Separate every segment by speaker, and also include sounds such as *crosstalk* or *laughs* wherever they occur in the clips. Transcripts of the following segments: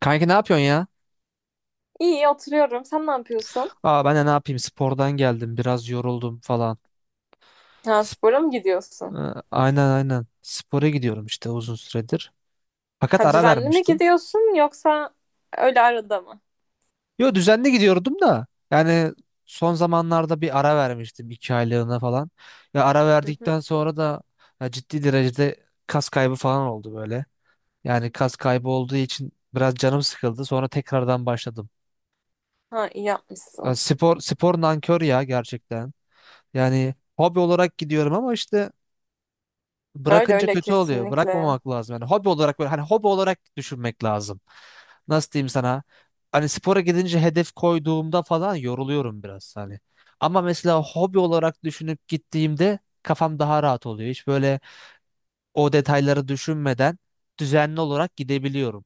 Speaker 1: Kanki ne yapıyorsun ya?
Speaker 2: İyi oturuyorum. Sen ne yapıyorsun?
Speaker 1: Ben de ne yapayım, spordan geldim, biraz yoruldum falan.
Speaker 2: Ha,
Speaker 1: Sp-
Speaker 2: spora mı gidiyorsun?
Speaker 1: aynen aynen, spora gidiyorum işte uzun süredir. Fakat
Speaker 2: Ha,
Speaker 1: ara
Speaker 2: düzenli mi
Speaker 1: vermiştim.
Speaker 2: gidiyorsun yoksa öyle arada mı?
Speaker 1: Yo, düzenli gidiyordum da yani son zamanlarda bir ara vermiştim, iki aylığına falan. Ya, ara
Speaker 2: Hı hı.
Speaker 1: verdikten sonra da ya ciddi derecede kas kaybı falan oldu böyle. Yani kas kaybı olduğu için biraz canım sıkıldı, sonra tekrardan başladım.
Speaker 2: Ha, iyi
Speaker 1: Ya
Speaker 2: yapmışsın.
Speaker 1: spor nankör ya gerçekten. Yani hobi olarak gidiyorum ama işte
Speaker 2: Öyle
Speaker 1: bırakınca
Speaker 2: öyle
Speaker 1: kötü oluyor.
Speaker 2: kesinlikle.
Speaker 1: Bırakmamak lazım. Yani hobi olarak böyle, hani hobi olarak düşünmek lazım. Nasıl diyeyim sana? Hani spora gidince, hedef koyduğumda falan yoruluyorum biraz hani. Ama mesela hobi olarak düşünüp gittiğimde kafam daha rahat oluyor. Hiç böyle o detayları düşünmeden düzenli olarak gidebiliyorum.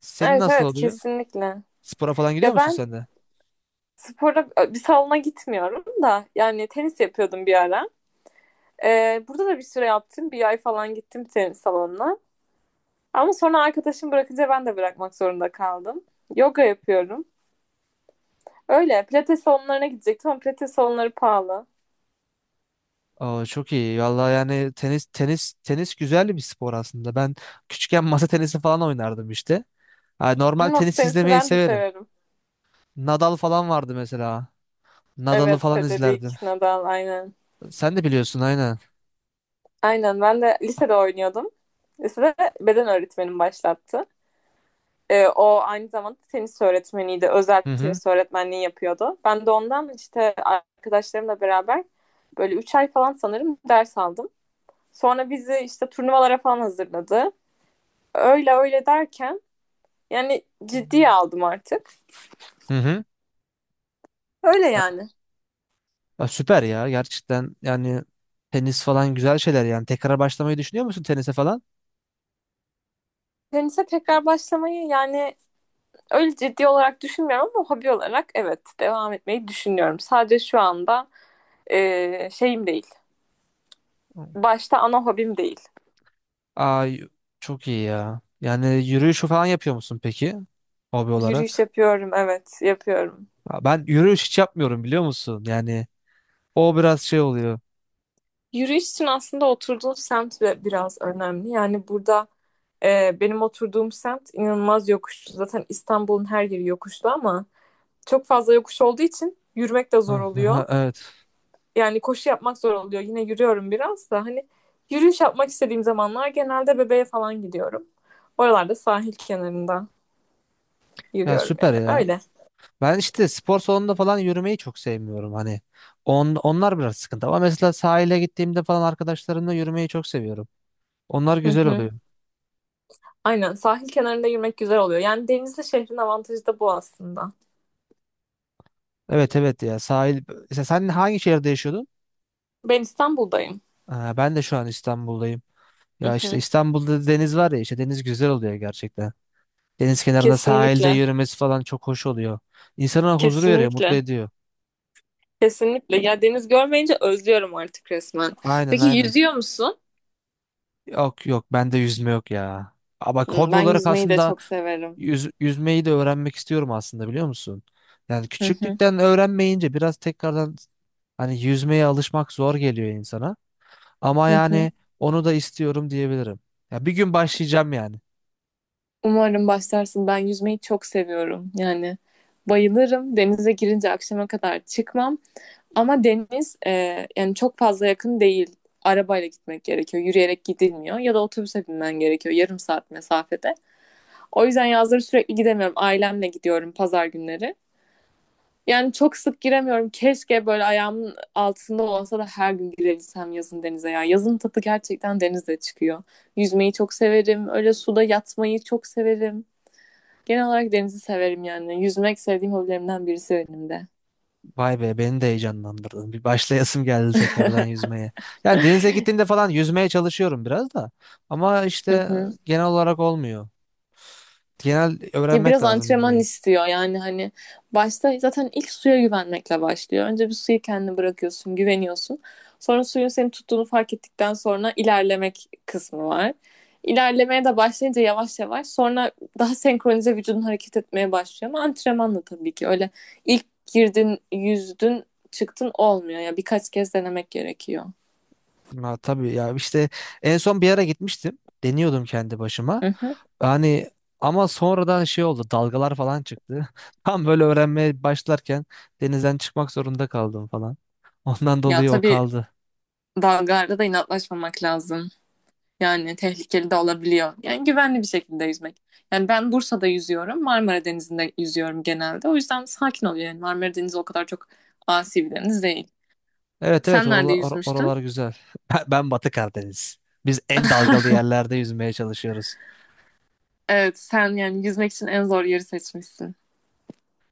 Speaker 1: Senin
Speaker 2: Evet
Speaker 1: nasıl
Speaker 2: evet
Speaker 1: oluyor?
Speaker 2: kesinlikle.
Speaker 1: Spora falan gidiyor
Speaker 2: Ya
Speaker 1: musun
Speaker 2: ben
Speaker 1: sen de?
Speaker 2: spora bir salona gitmiyorum da yani tenis yapıyordum bir ara. Burada da bir süre yaptım. Bir ay falan gittim tenis salonuna. Ama sonra arkadaşım bırakınca ben de bırakmak zorunda kaldım. Yoga yapıyorum. Öyle pilates salonlarına gidecektim ama pilates salonları pahalı.
Speaker 1: Aa, çok iyi. Vallahi yani tenis, tenis güzel bir spor aslında. Ben küçükken masa tenisi falan oynardım işte. Ha, normal
Speaker 2: Masa
Speaker 1: tenis
Speaker 2: tenisi
Speaker 1: izlemeyi
Speaker 2: ben de
Speaker 1: severim.
Speaker 2: severim.
Speaker 1: Nadal falan vardı mesela. Nadal'ı
Speaker 2: Evet,
Speaker 1: falan
Speaker 2: Federik
Speaker 1: izlerdim.
Speaker 2: Nadal aynen.
Speaker 1: Sen de biliyorsun, aynen.
Speaker 2: Aynen ben de lisede oynuyordum. Lisede beden öğretmenim başlattı. O aynı zamanda tenis öğretmeniydi. Özel
Speaker 1: Hı hı.
Speaker 2: tenis öğretmenliği yapıyordu. Ben de ondan işte arkadaşlarımla beraber böyle 3 ay falan sanırım ders aldım. Sonra bizi işte turnuvalara falan hazırladı. Öyle öyle derken yani ciddiye aldım artık.
Speaker 1: Hı hı.
Speaker 2: Öyle
Speaker 1: Ha-
Speaker 2: yani.
Speaker 1: ha, Süper ya, gerçekten yani tenis falan güzel şeyler yani. Tekrar başlamayı düşünüyor musun tenise falan?
Speaker 2: Tenise tekrar başlamayı yani öyle ciddi olarak düşünmüyorum ama hobi olarak evet devam etmeyi düşünüyorum. Sadece şu anda şeyim değil. Başta ana hobim değil.
Speaker 1: Ay çok iyi ya. Yani yürüyüş falan yapıyor musun peki, hobi
Speaker 2: Yürüyüş
Speaker 1: olarak?
Speaker 2: yapıyorum, evet, yapıyorum.
Speaker 1: Ya ben yürüyüş hiç yapmıyorum, biliyor musun? Yani o biraz şey oluyor.
Speaker 2: Yürüyüş için aslında oturduğun semt de biraz önemli. Yani burada benim oturduğum semt inanılmaz yokuşlu. Zaten İstanbul'un her yeri yokuşlu ama çok fazla yokuş olduğu için yürümek de zor oluyor.
Speaker 1: *laughs* Evet.
Speaker 2: Yani koşu yapmak zor oluyor. Yine yürüyorum biraz da hani yürüyüş yapmak istediğim zamanlar genelde bebeğe falan gidiyorum. Oralarda sahil kenarında
Speaker 1: Ya
Speaker 2: yürüyorum
Speaker 1: süper
Speaker 2: yani.
Speaker 1: ya.
Speaker 2: Öyle.
Speaker 1: Ben işte spor salonunda falan yürümeyi çok sevmiyorum hani. Onlar biraz sıkıntı, ama mesela sahile gittiğimde falan arkadaşlarımla yürümeyi çok seviyorum. Onlar
Speaker 2: Hı
Speaker 1: güzel
Speaker 2: hı.
Speaker 1: oluyor.
Speaker 2: Aynen, sahil kenarında yürümek güzel oluyor. Yani denizli şehrin avantajı da bu aslında.
Speaker 1: Evet evet, ya sahil. Mesela sen hangi şehirde yaşıyordun?
Speaker 2: Ben İstanbul'dayım.
Speaker 1: Ha, ben de şu an İstanbul'dayım.
Speaker 2: Hı
Speaker 1: Ya işte
Speaker 2: hı.
Speaker 1: İstanbul'da deniz var ya, işte deniz güzel oluyor gerçekten. Deniz kenarında sahilde
Speaker 2: Kesinlikle.
Speaker 1: yürümesi falan çok hoş oluyor. İnsana huzur veriyor, mutlu
Speaker 2: Kesinlikle.
Speaker 1: ediyor.
Speaker 2: Kesinlikle. Ya, deniz görmeyince özlüyorum artık resmen.
Speaker 1: Aynen
Speaker 2: Peki
Speaker 1: aynen.
Speaker 2: yüzüyor musun?
Speaker 1: Yok yok, bende yüzme yok ya. Ama bak,
Speaker 2: Hı,
Speaker 1: hobi
Speaker 2: ben
Speaker 1: olarak
Speaker 2: yüzmeyi de
Speaker 1: aslında
Speaker 2: çok severim.
Speaker 1: Yüzmeyi de öğrenmek istiyorum aslında, biliyor musun? Yani
Speaker 2: Hı hı.
Speaker 1: küçüklükten öğrenmeyince biraz tekrardan hani yüzmeye alışmak zor geliyor insana. Ama
Speaker 2: Hı hı.
Speaker 1: yani onu da istiyorum diyebilirim. Ya bir gün başlayacağım yani.
Speaker 2: Umarım başlarsın. Ben yüzmeyi çok seviyorum. Yani bayılırım. Denize girince akşama kadar çıkmam. Ama deniz yani çok fazla yakın değil. Arabayla gitmek gerekiyor. Yürüyerek gidilmiyor. Ya da otobüse binmen gerekiyor, yarım saat mesafede. O yüzden yazları sürekli gidemiyorum. Ailemle gidiyorum pazar günleri. Yani çok sık giremiyorum. Keşke böyle ayağımın altında olsa da her gün girebilsem yazın denize ya. Yazın tadı gerçekten denizde çıkıyor. Yüzmeyi çok severim. Öyle suda yatmayı çok severim. Genel olarak denizi severim yani. Yüzmek sevdiğim hobilerimden birisi benim de.
Speaker 1: Vay be, beni de heyecanlandırdın. Bir başlayasım geldi tekrardan yüzmeye. Yani denize gittiğimde falan yüzmeye çalışıyorum biraz da. Ama
Speaker 2: Hı
Speaker 1: işte
Speaker 2: hı.
Speaker 1: genel olarak olmuyor. Genel
Speaker 2: Ya
Speaker 1: öğrenmek
Speaker 2: biraz
Speaker 1: lazım
Speaker 2: antrenman
Speaker 1: yüzmeyi.
Speaker 2: istiyor yani, hani başta zaten ilk suya güvenmekle başlıyor. Önce bir suyu kendine bırakıyorsun, güveniyorsun. Sonra suyun seni tuttuğunu fark ettikten sonra ilerlemek kısmı var. İlerlemeye de başlayınca yavaş yavaş sonra daha senkronize vücudun hareket etmeye başlıyor, ama antrenmanla tabii ki, öyle ilk girdin yüzdün çıktın olmuyor ya, yani birkaç kez denemek gerekiyor.
Speaker 1: Ha, tabii ya, işte en son bir ara gitmiştim. Deniyordum kendi başıma.
Speaker 2: Hı hı.
Speaker 1: Yani ama sonradan şey oldu, dalgalar falan çıktı. *laughs* Tam böyle öğrenmeye başlarken denizden çıkmak zorunda kaldım falan. Ondan
Speaker 2: Ya
Speaker 1: dolayı o
Speaker 2: tabii,
Speaker 1: kaldı.
Speaker 2: dalgalarda da inatlaşmamak lazım. Yani tehlikeli de olabiliyor. Yani güvenli bir şekilde yüzmek. Yani ben Bursa'da yüzüyorum, Marmara Denizi'nde yüzüyorum genelde. O yüzden sakin oluyor yani. Marmara Denizi o kadar çok asi bir deniz değil.
Speaker 1: Evet evet,
Speaker 2: Sen nerede yüzmüştün?
Speaker 1: oralar
Speaker 2: *laughs*
Speaker 1: güzel. *laughs* Ben Batı Karadeniz. Biz en dalgalı yerlerde yüzmeye çalışıyoruz.
Speaker 2: Evet, sen yani yüzmek için en zor yeri seçmişsin.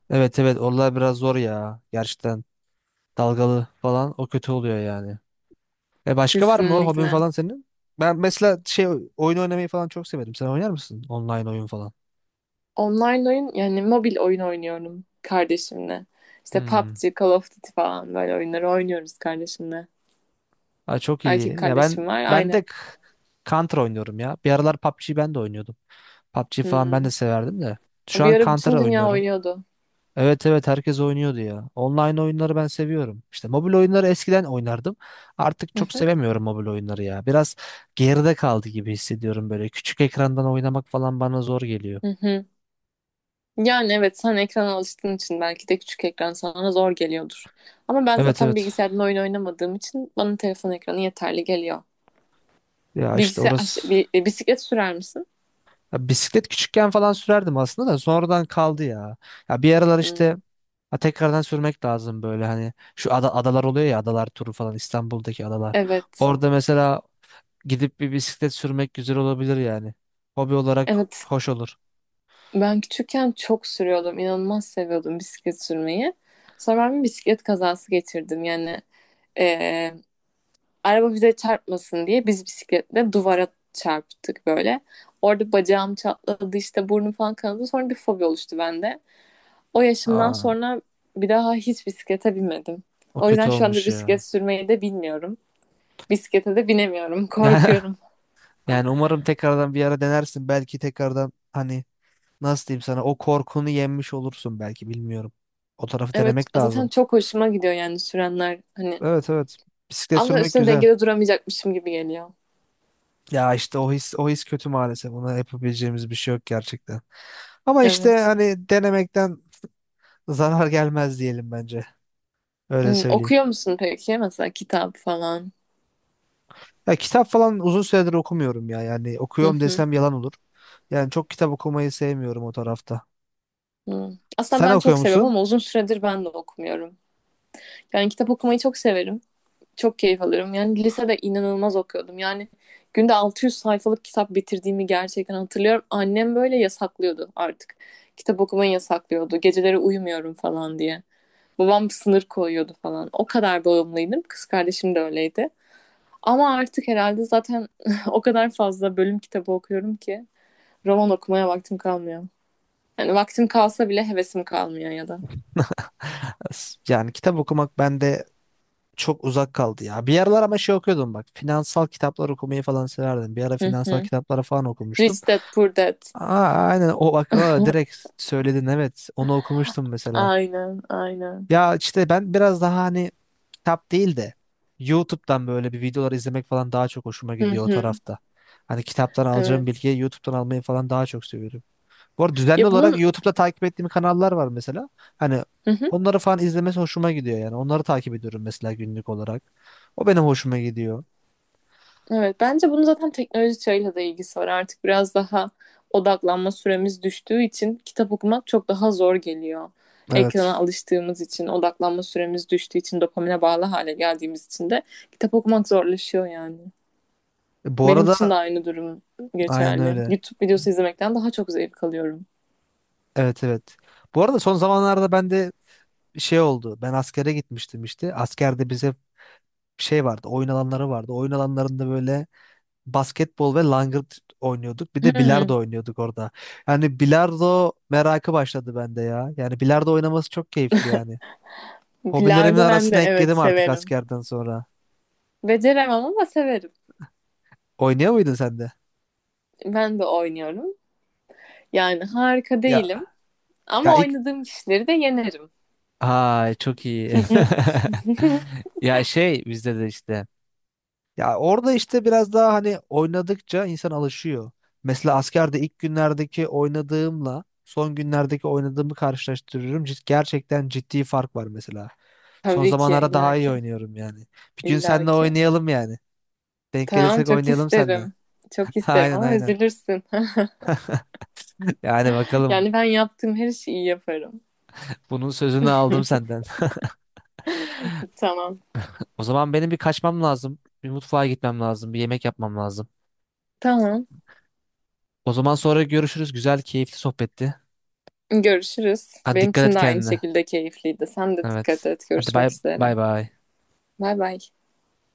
Speaker 1: Evet evet, oralar biraz zor ya gerçekten. Dalgalı falan, o kötü oluyor yani. E, başka var mı o hobin
Speaker 2: Kesinlikle.
Speaker 1: falan senin? Ben mesela şey, oyun oynamayı falan çok severim. Sen oynar mısın online oyun falan?
Speaker 2: Online oyun, yani mobil oyun oynuyorum kardeşimle. İşte
Speaker 1: Hmm.
Speaker 2: PUBG, Call of Duty falan böyle oyunları oynuyoruz kardeşimle.
Speaker 1: Aa, çok
Speaker 2: Erkek
Speaker 1: iyi. Ya
Speaker 2: kardeşim
Speaker 1: ben
Speaker 2: var,
Speaker 1: ben de
Speaker 2: aynen.
Speaker 1: Counter oynuyorum ya. Bir aralar PUBG ben de oynuyordum. PUBG falan ben
Speaker 2: Hmm.
Speaker 1: de severdim de. Şu
Speaker 2: Bir
Speaker 1: an
Speaker 2: ara
Speaker 1: Counter
Speaker 2: bütün dünya
Speaker 1: oynuyorum.
Speaker 2: oynuyordu.
Speaker 1: Evet evet, herkes oynuyordu ya. Online oyunları ben seviyorum. İşte mobil oyunları eskiden oynardım. Artık
Speaker 2: Hı
Speaker 1: çok
Speaker 2: hı,
Speaker 1: sevemiyorum mobil oyunları ya. Biraz geride kaldı gibi hissediyorum böyle. Küçük ekrandan oynamak falan bana zor geliyor.
Speaker 2: hı hı. Yani evet, sen ekrana alıştığın için belki de küçük ekran sana zor geliyordur. Ama ben
Speaker 1: Evet
Speaker 2: zaten
Speaker 1: evet.
Speaker 2: bilgisayardan oyun oynamadığım için bana telefon ekranı yeterli geliyor.
Speaker 1: Ya işte
Speaker 2: Bilgisayar aş-
Speaker 1: orası.
Speaker 2: bi- e, Bisiklet sürer misin?
Speaker 1: Ya bisiklet küçükken falan sürerdim aslında da sonradan kaldı ya. Ya bir aralar
Speaker 2: Hmm.
Speaker 1: işte, ha, tekrardan sürmek lazım böyle, hani şu adalar oluyor ya, adalar turu falan, İstanbul'daki adalar.
Speaker 2: Evet.
Speaker 1: Orada mesela gidip bir bisiklet sürmek güzel olabilir yani. Hobi olarak
Speaker 2: Evet.
Speaker 1: hoş olur.
Speaker 2: Ben küçükken çok sürüyordum. İnanılmaz seviyordum bisiklet sürmeyi. Sonra ben bir bisiklet kazası geçirdim. Yani e, araba bize çarpmasın diye biz bisikletle duvara çarptık böyle. Orada bacağım çatladı, işte burnum falan kanadı. Sonra bir fobi oluştu bende. O yaşımdan
Speaker 1: Aa,
Speaker 2: sonra bir daha hiç bisiklete binmedim.
Speaker 1: o
Speaker 2: O yüzden
Speaker 1: kötü
Speaker 2: şu anda
Speaker 1: olmuş ya.
Speaker 2: bisiklet sürmeyi de bilmiyorum. Bisiklete de binemiyorum. *laughs*
Speaker 1: Yani,
Speaker 2: Korkuyorum.
Speaker 1: *laughs* yani umarım tekrardan bir ara denersin. Belki tekrardan, hani nasıl diyeyim sana, o korkunu yenmiş olursun belki, bilmiyorum. O tarafı
Speaker 2: Evet,
Speaker 1: denemek
Speaker 2: zaten
Speaker 1: lazım.
Speaker 2: çok hoşuma gidiyor yani sürenler. Hani
Speaker 1: Evet evet. Bisiklet
Speaker 2: ama
Speaker 1: sürmek
Speaker 2: üstüne
Speaker 1: güzel.
Speaker 2: dengede duramayacakmışım gibi geliyor.
Speaker 1: Ya işte o his kötü maalesef. Ona yapabileceğimiz bir şey yok gerçekten. Ama işte
Speaker 2: Evet.
Speaker 1: hani denemekten zarar gelmez diyelim bence. Öyle
Speaker 2: Hmm,
Speaker 1: söyleyeyim.
Speaker 2: okuyor musun peki? Mesela kitap falan.
Speaker 1: Ya kitap falan uzun süredir okumuyorum ya. Yani
Speaker 2: Hı
Speaker 1: okuyorum
Speaker 2: hı.
Speaker 1: desem yalan olur. Yani çok kitap okumayı sevmiyorum o tarafta.
Speaker 2: Hı. Aslında
Speaker 1: Sen
Speaker 2: ben
Speaker 1: okuyor
Speaker 2: çok seviyorum
Speaker 1: musun?
Speaker 2: ama uzun süredir ben de okumuyorum. Yani kitap okumayı çok severim. Çok keyif alırım. Yani lisede inanılmaz okuyordum. Yani günde 600 sayfalık kitap bitirdiğimi gerçekten hatırlıyorum. Annem böyle yasaklıyordu artık. Kitap okumayı yasaklıyordu. Geceleri uyumuyorum falan diye. Babam sınır koyuyordu falan. O kadar bağımlıydım. Kız kardeşim de öyleydi. Ama artık herhalde zaten *laughs* o kadar fazla bölüm kitabı okuyorum ki roman okumaya vaktim kalmıyor. Yani vaktim kalsa bile hevesim kalmıyor ya da.
Speaker 1: *laughs* Yani kitap okumak bende çok uzak kaldı ya. Bir aralar ama şey okuyordum bak. Finansal kitaplar okumayı falan severdim. Bir ara
Speaker 2: Hı
Speaker 1: finansal
Speaker 2: hı.
Speaker 1: kitapları falan okumuştum.
Speaker 2: Rich Dad Poor Dad.
Speaker 1: Aa, aynen, o bak, aa, direkt
Speaker 2: *laughs*
Speaker 1: söyledin, evet. Onu okumuştum mesela.
Speaker 2: Aynen, aynen.
Speaker 1: Ya işte ben biraz daha hani kitap değil de YouTube'dan böyle bir videolar izlemek falan daha çok hoşuma
Speaker 2: Hı
Speaker 1: gidiyor o
Speaker 2: hı.
Speaker 1: tarafta. Hani kitaptan alacağım
Speaker 2: Evet.
Speaker 1: bilgiyi YouTube'dan almayı falan daha çok seviyorum. Bu arada düzenli
Speaker 2: Ya
Speaker 1: olarak
Speaker 2: bunun
Speaker 1: YouTube'da takip ettiğim kanallar var mesela. Hani
Speaker 2: hı hı,
Speaker 1: onları falan izlemesi hoşuma gidiyor yani. Onları takip ediyorum mesela günlük olarak. O benim hoşuma gidiyor.
Speaker 2: evet, bence bunun zaten teknoloji çağıyla da ilgisi var. Artık biraz daha odaklanma süremiz düştüğü için kitap okumak çok daha zor geliyor. Ekrana
Speaker 1: Evet.
Speaker 2: alıştığımız için, odaklanma süremiz düştüğü için, dopamine bağlı hale geldiğimiz için de kitap okumak zorlaşıyor yani.
Speaker 1: E, bu
Speaker 2: Benim için de
Speaker 1: arada
Speaker 2: aynı durum
Speaker 1: aynen
Speaker 2: geçerli.
Speaker 1: öyle.
Speaker 2: YouTube videosu izlemekten daha çok zevk alıyorum.
Speaker 1: Evet evet. Bu arada son zamanlarda ben de şey oldu. Ben askere gitmiştim işte. Askerde bize şey vardı, oyun alanları vardı. Oyun alanlarında böyle basketbol ve langırt oynuyorduk. Bir de
Speaker 2: Hmm,
Speaker 1: bilardo oynuyorduk orada. Yani bilardo merakı başladı bende ya. Yani bilardo oynaması çok keyifli yani. Hobilerimin
Speaker 2: bilardo ben de
Speaker 1: arasına
Speaker 2: evet
Speaker 1: ekledim artık
Speaker 2: severim.
Speaker 1: askerden sonra.
Speaker 2: Beceremem ama severim.
Speaker 1: Oynuyor muydun sen de?
Speaker 2: Ben de oynuyorum. Yani harika
Speaker 1: Ya
Speaker 2: değilim
Speaker 1: ya
Speaker 2: ama
Speaker 1: ilk
Speaker 2: oynadığım kişileri de yenerim.
Speaker 1: Ay çok iyi.
Speaker 2: *laughs*
Speaker 1: *laughs*
Speaker 2: Hı,
Speaker 1: Ya şey, bizde de işte. Ya orada işte biraz daha hani oynadıkça insan alışıyor. Mesela askerde ilk günlerdeki oynadığımla son günlerdeki oynadığımı karşılaştırıyorum. Gerçekten ciddi fark var mesela. Son
Speaker 2: tabii ki,
Speaker 1: zamanlarda
Speaker 2: illa
Speaker 1: daha iyi
Speaker 2: ki,
Speaker 1: oynuyorum yani. Bir gün
Speaker 2: illa
Speaker 1: seninle
Speaker 2: ki
Speaker 1: oynayalım yani. Denk
Speaker 2: tamam,
Speaker 1: gelirsek
Speaker 2: çok
Speaker 1: oynayalım seninle.
Speaker 2: isterim. Çok
Speaker 1: *laughs*
Speaker 2: isterim
Speaker 1: Aynen
Speaker 2: ama
Speaker 1: aynen.
Speaker 2: üzülürsün. *laughs*
Speaker 1: Yani bakalım.
Speaker 2: Yani ben yaptığım her şeyi iyi yaparım.
Speaker 1: Bunun sözünü aldım senden. *laughs*
Speaker 2: Tamam.
Speaker 1: O zaman benim bir kaçmam lazım. Bir mutfağa gitmem lazım. Bir yemek yapmam lazım.
Speaker 2: Tamam.
Speaker 1: O zaman sonra görüşürüz. Güzel, keyifli sohbetti.
Speaker 2: Görüşürüz.
Speaker 1: Hadi,
Speaker 2: Benim
Speaker 1: dikkat et
Speaker 2: için de aynı
Speaker 1: kendine.
Speaker 2: şekilde keyifliydi. Sen de dikkat
Speaker 1: Evet.
Speaker 2: et.
Speaker 1: Hadi bay
Speaker 2: Görüşmek üzere.
Speaker 1: bay bay.
Speaker 2: Bay bay.